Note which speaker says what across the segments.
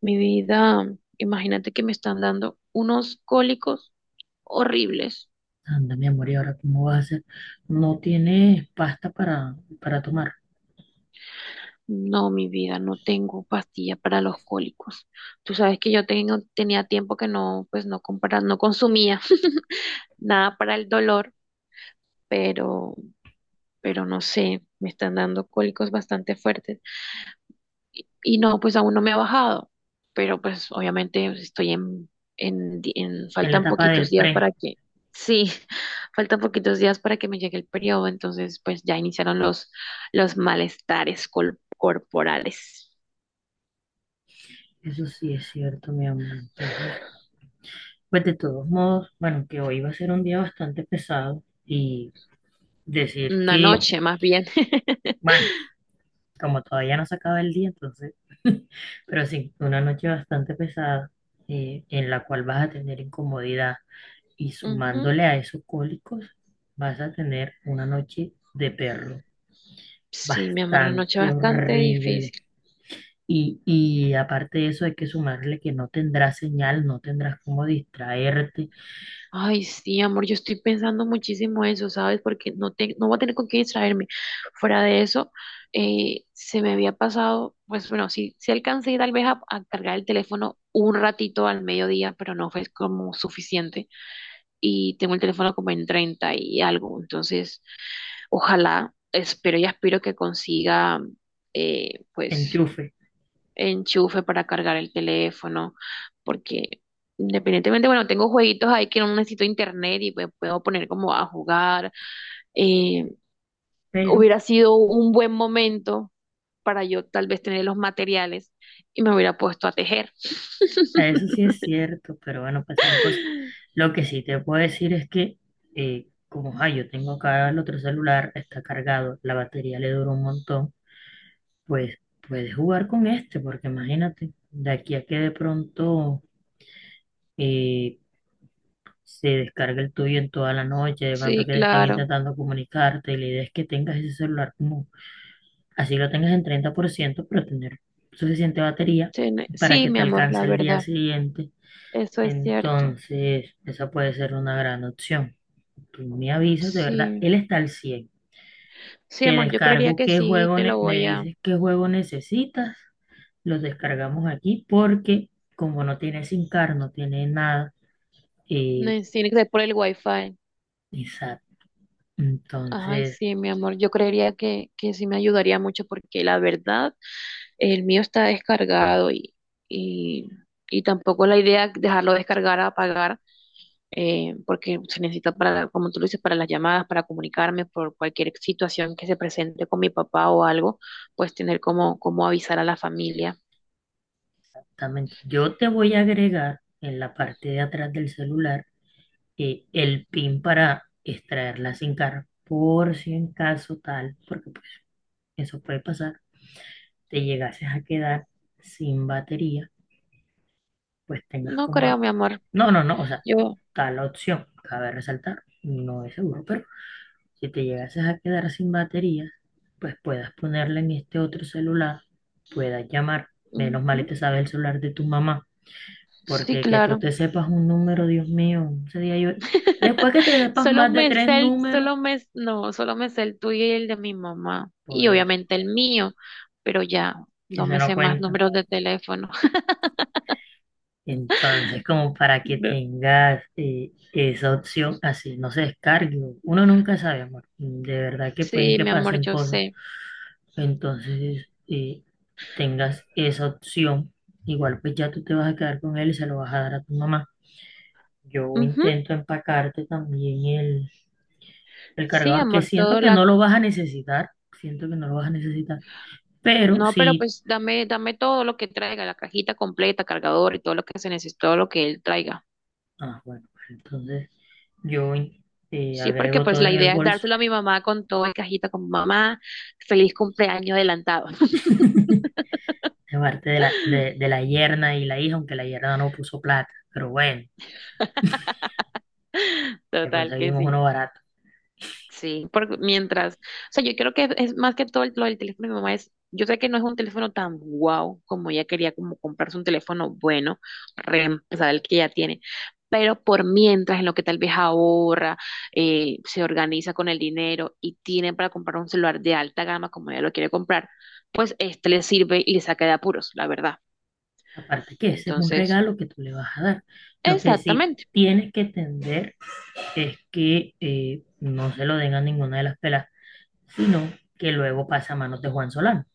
Speaker 1: Mi vida, imagínate que me están dando unos cólicos horribles.
Speaker 2: Anda, mi amor, ¿y ahora cómo vas a hacer? No tienes pasta para tomar
Speaker 1: No, mi vida, no tengo pastilla para los cólicos. Tú sabes que yo tengo, tenía tiempo que no, pues no consumía nada para el dolor, pero, pero no sé, me están dando cólicos bastante fuertes. Y no, pues aún no me ha bajado, pero pues obviamente estoy
Speaker 2: en la
Speaker 1: faltan
Speaker 2: etapa
Speaker 1: poquitos
Speaker 2: del
Speaker 1: días
Speaker 2: pre.
Speaker 1: para que, sí, faltan poquitos días para que me llegue el periodo, entonces pues ya iniciaron los malestares corporales.
Speaker 2: Eso sí es cierto, mi amor. Entonces, pues de todos modos, bueno, que hoy va a ser un día bastante pesado y decir
Speaker 1: Una
Speaker 2: que,
Speaker 1: noche más bien.
Speaker 2: bueno, como todavía no se acaba el día, entonces, pero sí, una noche bastante pesada en la cual vas a tener incomodidad y
Speaker 1: Ujú.
Speaker 2: sumándole a esos cólicos, vas a tener una noche de perro.
Speaker 1: Sí, mi amor, una noche
Speaker 2: Bastante
Speaker 1: bastante
Speaker 2: horrible.
Speaker 1: difícil.
Speaker 2: Y aparte de eso hay que sumarle que no tendrás señal, no tendrás cómo distraerte,
Speaker 1: Ay, sí, amor, yo estoy pensando muchísimo eso, ¿sabes? Porque no, no voy a tener con qué distraerme. Fuera de eso, se me había pasado, pues bueno, sí, sí alcancé tal vez a cargar el teléfono un ratito al mediodía, pero no fue como suficiente. Y tengo el teléfono como en 30 y algo, entonces ojalá, espero y aspiro que consiga, pues
Speaker 2: enchufe.
Speaker 1: enchufe para cargar el teléfono, porque independientemente, bueno, tengo jueguitos ahí que no necesito internet y pues puedo poner como a jugar. Eh,
Speaker 2: Pero
Speaker 1: Hubiera sido un buen momento para yo tal vez tener los materiales y me hubiera puesto a tejer.
Speaker 2: a eso sí es cierto, pero bueno, pasaron cosas. Lo que sí te puedo decir es que yo tengo acá el otro celular, está cargado, la batería le dura un montón, pues puedes jugar con este, porque imagínate, de aquí a que de pronto eh, se descarga el tuyo en toda la noche, de pronto
Speaker 1: Sí,
Speaker 2: que te están
Speaker 1: claro.
Speaker 2: intentando comunicarte, y la idea es que tengas ese celular como, así lo tengas en 30% pero tener suficiente batería para
Speaker 1: Sí,
Speaker 2: que
Speaker 1: mi
Speaker 2: te
Speaker 1: amor, la
Speaker 2: alcance el día
Speaker 1: verdad.
Speaker 2: siguiente.
Speaker 1: Eso es cierto.
Speaker 2: Entonces, esa puede ser una gran opción. Tú me avisas, de verdad,
Speaker 1: Sí.
Speaker 2: él está al 100%.
Speaker 1: Sí,
Speaker 2: Te
Speaker 1: amor, yo creería
Speaker 2: descargo
Speaker 1: que
Speaker 2: qué
Speaker 1: sí,
Speaker 2: juego,
Speaker 1: te lo
Speaker 2: me
Speaker 1: voy a...
Speaker 2: dices qué juego necesitas, los descargamos aquí porque como no tiene SIM card, no tiene nada, eh,
Speaker 1: Tiene que ser por el wifi.
Speaker 2: exacto.
Speaker 1: Ay,
Speaker 2: Entonces,
Speaker 1: sí, mi amor, yo creería que sí me ayudaría mucho porque la verdad, el mío está descargado y, y tampoco la idea es dejarlo descargar a apagar porque se necesita para, como tú lo dices, para las llamadas, para comunicarme por cualquier situación que se presente con mi papá o algo, pues tener como avisar a la familia.
Speaker 2: exactamente. Yo te voy a agregar en la parte de atrás del celular el pin para extraer la SIM card, por si en caso tal, porque pues, eso puede pasar, te llegases a quedar sin batería, pues tengas
Speaker 1: No
Speaker 2: como...
Speaker 1: creo, mi amor,
Speaker 2: No, o sea,
Speaker 1: yo...
Speaker 2: tal opción, cabe resaltar, no es seguro, pero si te llegases a quedar sin batería, pues puedas ponerla en este otro celular, puedas llamar, menos mal y
Speaker 1: Ujú.
Speaker 2: te sabe el celular de tu mamá.
Speaker 1: Sí,
Speaker 2: Porque que tú
Speaker 1: claro.
Speaker 2: te sepas un número, Dios mío, ese día yo... Después que te sepas
Speaker 1: Solo
Speaker 2: más de
Speaker 1: me
Speaker 2: tres
Speaker 1: sé
Speaker 2: números,
Speaker 1: no, solo me sé el tuyo y el de mi mamá.
Speaker 2: por
Speaker 1: Y
Speaker 2: eso,
Speaker 1: obviamente el mío, pero ya no
Speaker 2: eso
Speaker 1: me
Speaker 2: no
Speaker 1: sé más
Speaker 2: cuenta.
Speaker 1: números de teléfono.
Speaker 2: Entonces, como para que
Speaker 1: No.
Speaker 2: tengas esa opción, así no se descargue. Uno nunca sabe, amor. De verdad que pueden
Speaker 1: Sí,
Speaker 2: que
Speaker 1: mi amor,
Speaker 2: pasen
Speaker 1: yo
Speaker 2: cosas.
Speaker 1: sé.
Speaker 2: Entonces, tengas esa opción. Igual pues ya tú te vas a quedar con él y se lo vas a dar a tu mamá. Yo
Speaker 1: Ujú.
Speaker 2: intento empacarte también el
Speaker 1: Sí,
Speaker 2: cargador que
Speaker 1: amor,
Speaker 2: siento
Speaker 1: todo
Speaker 2: que
Speaker 1: la...
Speaker 2: no lo vas a necesitar, siento que no lo vas a necesitar, pero
Speaker 1: No, pero
Speaker 2: sí,
Speaker 1: pues dame todo lo que traiga, la cajita completa, cargador y todo lo que se necesite, todo lo que él traiga.
Speaker 2: ah, bueno, pues entonces yo
Speaker 1: Sí, porque
Speaker 2: agrego
Speaker 1: pues
Speaker 2: todo
Speaker 1: la
Speaker 2: en el
Speaker 1: idea es
Speaker 2: bolso,
Speaker 1: dárselo a mi mamá con todo en cajita, con mamá, feliz cumpleaños adelantado.
Speaker 2: aparte de la yerna y la hija, aunque la yerna no puso plata, pero bueno, le
Speaker 1: Total que
Speaker 2: conseguimos
Speaker 1: sí.
Speaker 2: uno barato.
Speaker 1: Sí, porque mientras, o sea, yo creo que es más que todo lo del teléfono de mi mamá es, yo sé que no es un teléfono tan guau como ella quería como comprarse un teléfono bueno, reemplazar el que ya tiene, pero por mientras en lo que tal vez ahorra, se organiza con el dinero y tiene para comprar un celular de alta gama como ella lo quiere comprar, pues este le sirve y le saca de apuros, la verdad.
Speaker 2: Aparte que ese es un
Speaker 1: Entonces,
Speaker 2: regalo que tú le vas a dar. Lo que sí
Speaker 1: exactamente.
Speaker 2: tienes que entender es que no se lo den a ninguna de las pelas, sino que luego pasa a manos de Juan Solano.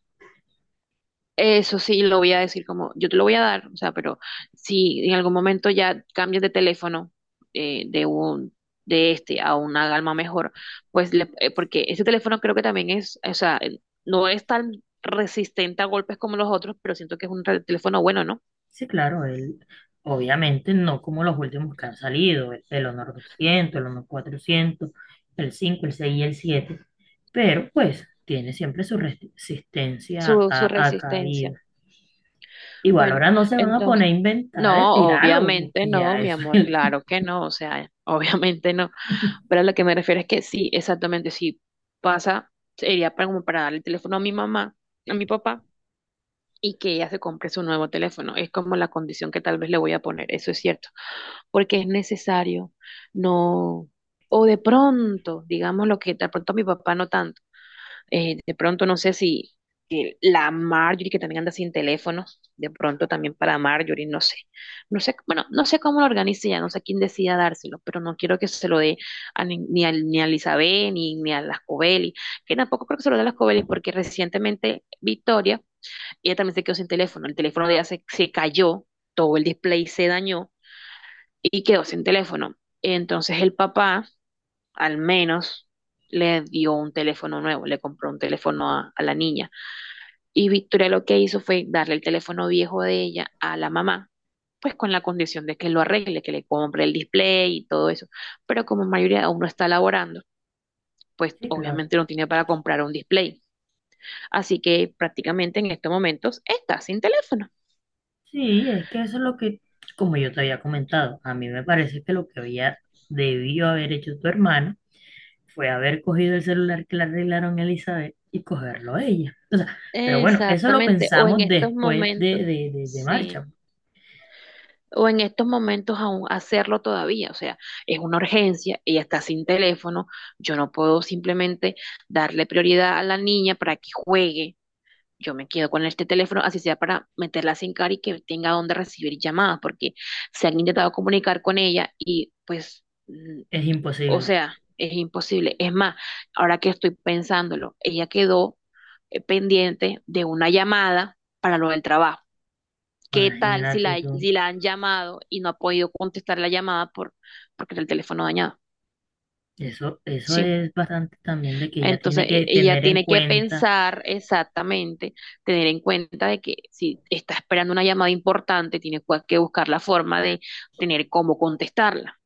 Speaker 1: Eso sí, lo voy a decir como, yo te lo voy a dar, o sea, pero si en algún momento ya cambias de teléfono eh, de un de este a una gama mejor, pues porque ese teléfono creo que también es, o sea, no es tan resistente a golpes como los otros, pero siento que es un teléfono bueno, ¿no?
Speaker 2: Sí, claro, obviamente no como los últimos que han salido, el Honor 200, el Honor 400, el 5, el 6 y el 7, pero pues tiene siempre su resistencia
Speaker 1: Su
Speaker 2: a
Speaker 1: resistencia.
Speaker 2: caída. Igual
Speaker 1: Bueno,
Speaker 2: ahora no se van a poner
Speaker 1: entonces,
Speaker 2: a inventar de
Speaker 1: no,
Speaker 2: tirarlo,
Speaker 1: obviamente
Speaker 2: porque
Speaker 1: no,
Speaker 2: ya
Speaker 1: mi
Speaker 2: eso
Speaker 1: amor,
Speaker 2: es el...
Speaker 1: claro que no, o sea, obviamente no. Pero a lo que me refiero es que sí, exactamente, si pasa, sería para, como para darle el teléfono a mi mamá, a mi papá, y que ella se compre su nuevo teléfono. Es como la condición que tal vez le voy a poner, eso es cierto, porque es necesario, no, o de pronto, digamos lo que de pronto mi papá no tanto de pronto no sé si la Marjorie, que también anda sin teléfono, de pronto también para Marjorie, no sé. No sé, bueno, no sé cómo lo organice ya, no sé quién decida dárselo, pero no quiero que se lo dé a ni a Elizabeth ni a las Covelli, que tampoco creo que se lo dé a las Covelli porque recientemente Victoria, ella también se quedó sin teléfono, el teléfono de ella se cayó, todo el display se dañó y quedó sin teléfono. Entonces el papá al menos le dio un teléfono nuevo, le compró un teléfono a la niña. Y Victoria lo que hizo fue darle el teléfono viejo de ella a la mamá, pues con la condición de que lo arregle, que le compre el display y todo eso. Pero como mayoría aún no está laborando, pues
Speaker 2: Sí, claro.
Speaker 1: obviamente no tiene para comprar un display. Así que prácticamente en estos momentos está sin teléfono.
Speaker 2: Sí, es que eso es lo que, como yo te había comentado, a mí me parece que lo que había debió haber hecho tu hermana fue haber cogido el celular que le arreglaron a Elizabeth y cogerlo a ella. O sea, pero bueno, eso lo
Speaker 1: Exactamente, o en
Speaker 2: pensamos
Speaker 1: estos
Speaker 2: después de,
Speaker 1: momentos,
Speaker 2: de, de- de
Speaker 1: sí.
Speaker 2: marcha.
Speaker 1: O en estos momentos aún hacerlo todavía. O sea, es una urgencia, ella está sin teléfono, yo no puedo simplemente darle prioridad a la niña para que juegue. Yo me quedo con este teléfono, así sea para meterla sin cara y que tenga donde recibir llamadas, porque se han intentado comunicar con ella y
Speaker 2: Es
Speaker 1: o
Speaker 2: imposible.
Speaker 1: sea, es imposible. Es más, ahora que estoy pensándolo, ella quedó pendiente de una llamada para lo del trabajo. ¿Qué tal si
Speaker 2: Imagínate
Speaker 1: la,
Speaker 2: tú.
Speaker 1: si la han llamado y no ha podido contestar la llamada porque era el teléfono dañado?
Speaker 2: Eso
Speaker 1: Sí.
Speaker 2: es bastante también de que ella
Speaker 1: Entonces,
Speaker 2: tiene que
Speaker 1: ella
Speaker 2: tener en
Speaker 1: tiene que
Speaker 2: cuenta.
Speaker 1: pensar exactamente, tener en cuenta de que si está esperando una llamada importante, tiene que buscar la forma de tener cómo contestarla.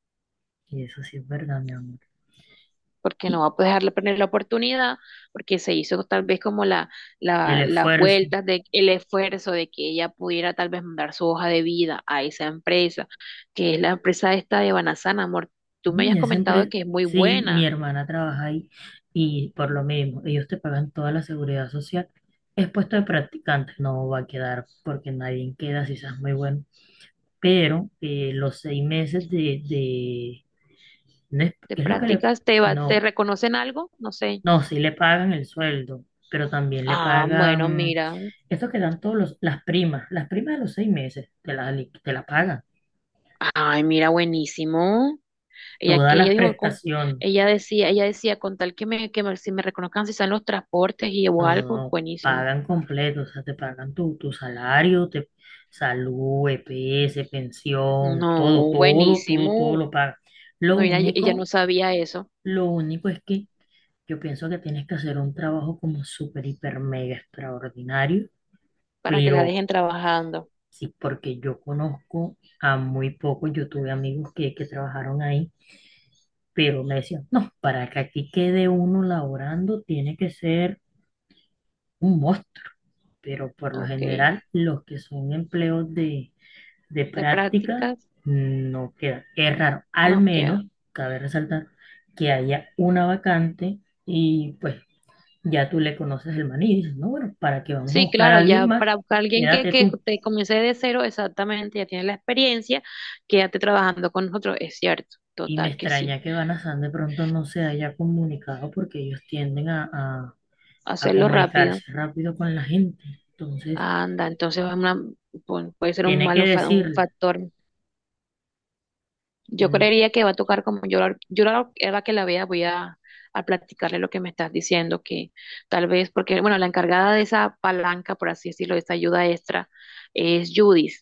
Speaker 2: Y eso sí es verdad, mi amor.
Speaker 1: Porque no
Speaker 2: Y
Speaker 1: va a dejarle perder la oportunidad, porque se hizo tal vez como
Speaker 2: el
Speaker 1: las
Speaker 2: esfuerzo.
Speaker 1: vueltas de el esfuerzo de que ella pudiera tal vez mandar su hoja de vida a esa empresa, que es la empresa esta de Banasana, amor. Tú me
Speaker 2: Mm,
Speaker 1: habías
Speaker 2: esa
Speaker 1: comentado
Speaker 2: empresa,
Speaker 1: que es muy
Speaker 2: sí, mi
Speaker 1: buena.
Speaker 2: hermana trabaja ahí y por lo mismo, ellos te pagan toda la seguridad social. Es puesto de practicante, no va a quedar porque nadie queda si seas muy bueno. Pero los 6 meses de no es,
Speaker 1: ¿Te
Speaker 2: ¿qué es lo que le,
Speaker 1: prácticas? Te
Speaker 2: no,
Speaker 1: reconocen algo? No sé.
Speaker 2: no, sí le pagan el sueldo, pero también le
Speaker 1: Ah, bueno,
Speaker 2: pagan
Speaker 1: mira.
Speaker 2: esto que dan todos los, las primas de los 6 meses, te la pagan,
Speaker 1: Ay, mira, buenísimo. Ella
Speaker 2: todas
Speaker 1: que ella
Speaker 2: las
Speaker 1: dijo con
Speaker 2: prestaciones,
Speaker 1: Ella decía, con tal si me reconozcan si están los transportes y o
Speaker 2: no, no,
Speaker 1: algo,
Speaker 2: no,
Speaker 1: buenísimo.
Speaker 2: pagan completo, o sea, te pagan tu, tu salario, te, salud, EPS, pensión,
Speaker 1: No,
Speaker 2: todo, todo, todo, todo
Speaker 1: buenísimo.
Speaker 2: lo pagan. Lo
Speaker 1: No, ella no
Speaker 2: único,
Speaker 1: sabía eso,
Speaker 2: lo único es que yo pienso que tienes que hacer un trabajo como súper, hiper, mega extraordinario,
Speaker 1: para que la
Speaker 2: pero
Speaker 1: dejen trabajando.
Speaker 2: sí, porque yo conozco a muy pocos, yo tuve amigos que trabajaron ahí, pero me decían, no, para que aquí quede uno laborando tiene que ser un monstruo, pero por lo
Speaker 1: Ok,
Speaker 2: general los que son empleos de
Speaker 1: de
Speaker 2: práctica
Speaker 1: prácticas
Speaker 2: no quedan. Es raro, al
Speaker 1: no queda.
Speaker 2: menos, cabe resaltar, que haya una vacante y pues ya tú le conoces el maní y dices, no, bueno, ¿para qué vamos a
Speaker 1: Sí,
Speaker 2: buscar a
Speaker 1: claro,
Speaker 2: alguien
Speaker 1: ya
Speaker 2: más?
Speaker 1: para buscar alguien que,
Speaker 2: Quédate
Speaker 1: que
Speaker 2: tú.
Speaker 1: te comience de cero, exactamente, ya tiene la experiencia, quédate trabajando con nosotros, es cierto,
Speaker 2: Y me
Speaker 1: total que sí.
Speaker 2: extraña que Banazán de pronto no se haya comunicado porque ellos tienden a
Speaker 1: Hacerlo rápido,
Speaker 2: comunicarse rápido con la gente. Entonces,
Speaker 1: anda, entonces es puede ser un
Speaker 2: tiene que
Speaker 1: un
Speaker 2: decirle,
Speaker 1: factor. Yo
Speaker 2: tiene,
Speaker 1: creería que va a tocar como yo, a la que la vea voy a platicarle lo que me estás diciendo, que tal vez, porque bueno, la encargada de esa palanca, por así decirlo, de esa ayuda extra, es Judith.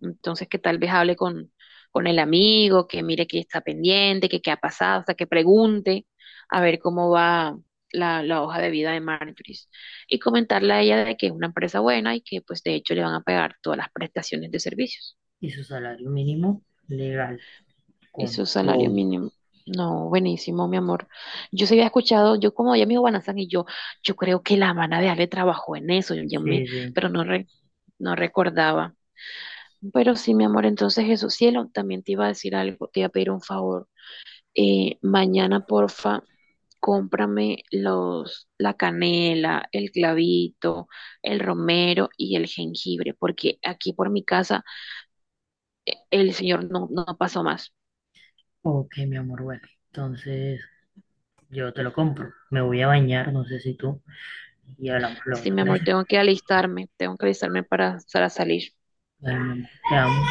Speaker 1: Entonces, que tal vez hable con el amigo, que mire que está pendiente, que qué ha pasado, hasta que pregunte a ver cómo va la hoja de vida de Marjorie. Y comentarle a ella de que es una empresa buena y que pues de hecho le van a pagar todas las prestaciones de servicios
Speaker 2: y su salario mínimo legal,
Speaker 1: y
Speaker 2: con
Speaker 1: su salario
Speaker 2: todo.
Speaker 1: mínimo. No, buenísimo, mi amor. Yo se había escuchado, yo como ella me dijo Banazán y yo, creo que la hermana de Ale trabajó en eso,
Speaker 2: Sí, sí.
Speaker 1: pero no, no recordaba. Pero sí, mi amor, entonces eso, cielo, también te iba a decir algo, te iba a pedir un favor. Mañana, porfa, cómprame la canela, el clavito, el romero y el jengibre, porque aquí por mi casa el señor no, no pasó más.
Speaker 2: Ok, mi amor, bueno. Entonces, yo te lo compro. Me voy a bañar, no sé si tú, y hablamos luego,
Speaker 1: Sí,
Speaker 2: ¿te
Speaker 1: mi amor,
Speaker 2: parece?
Speaker 1: tengo que alistarme para salir.
Speaker 2: Bueno, mi amor, te amo.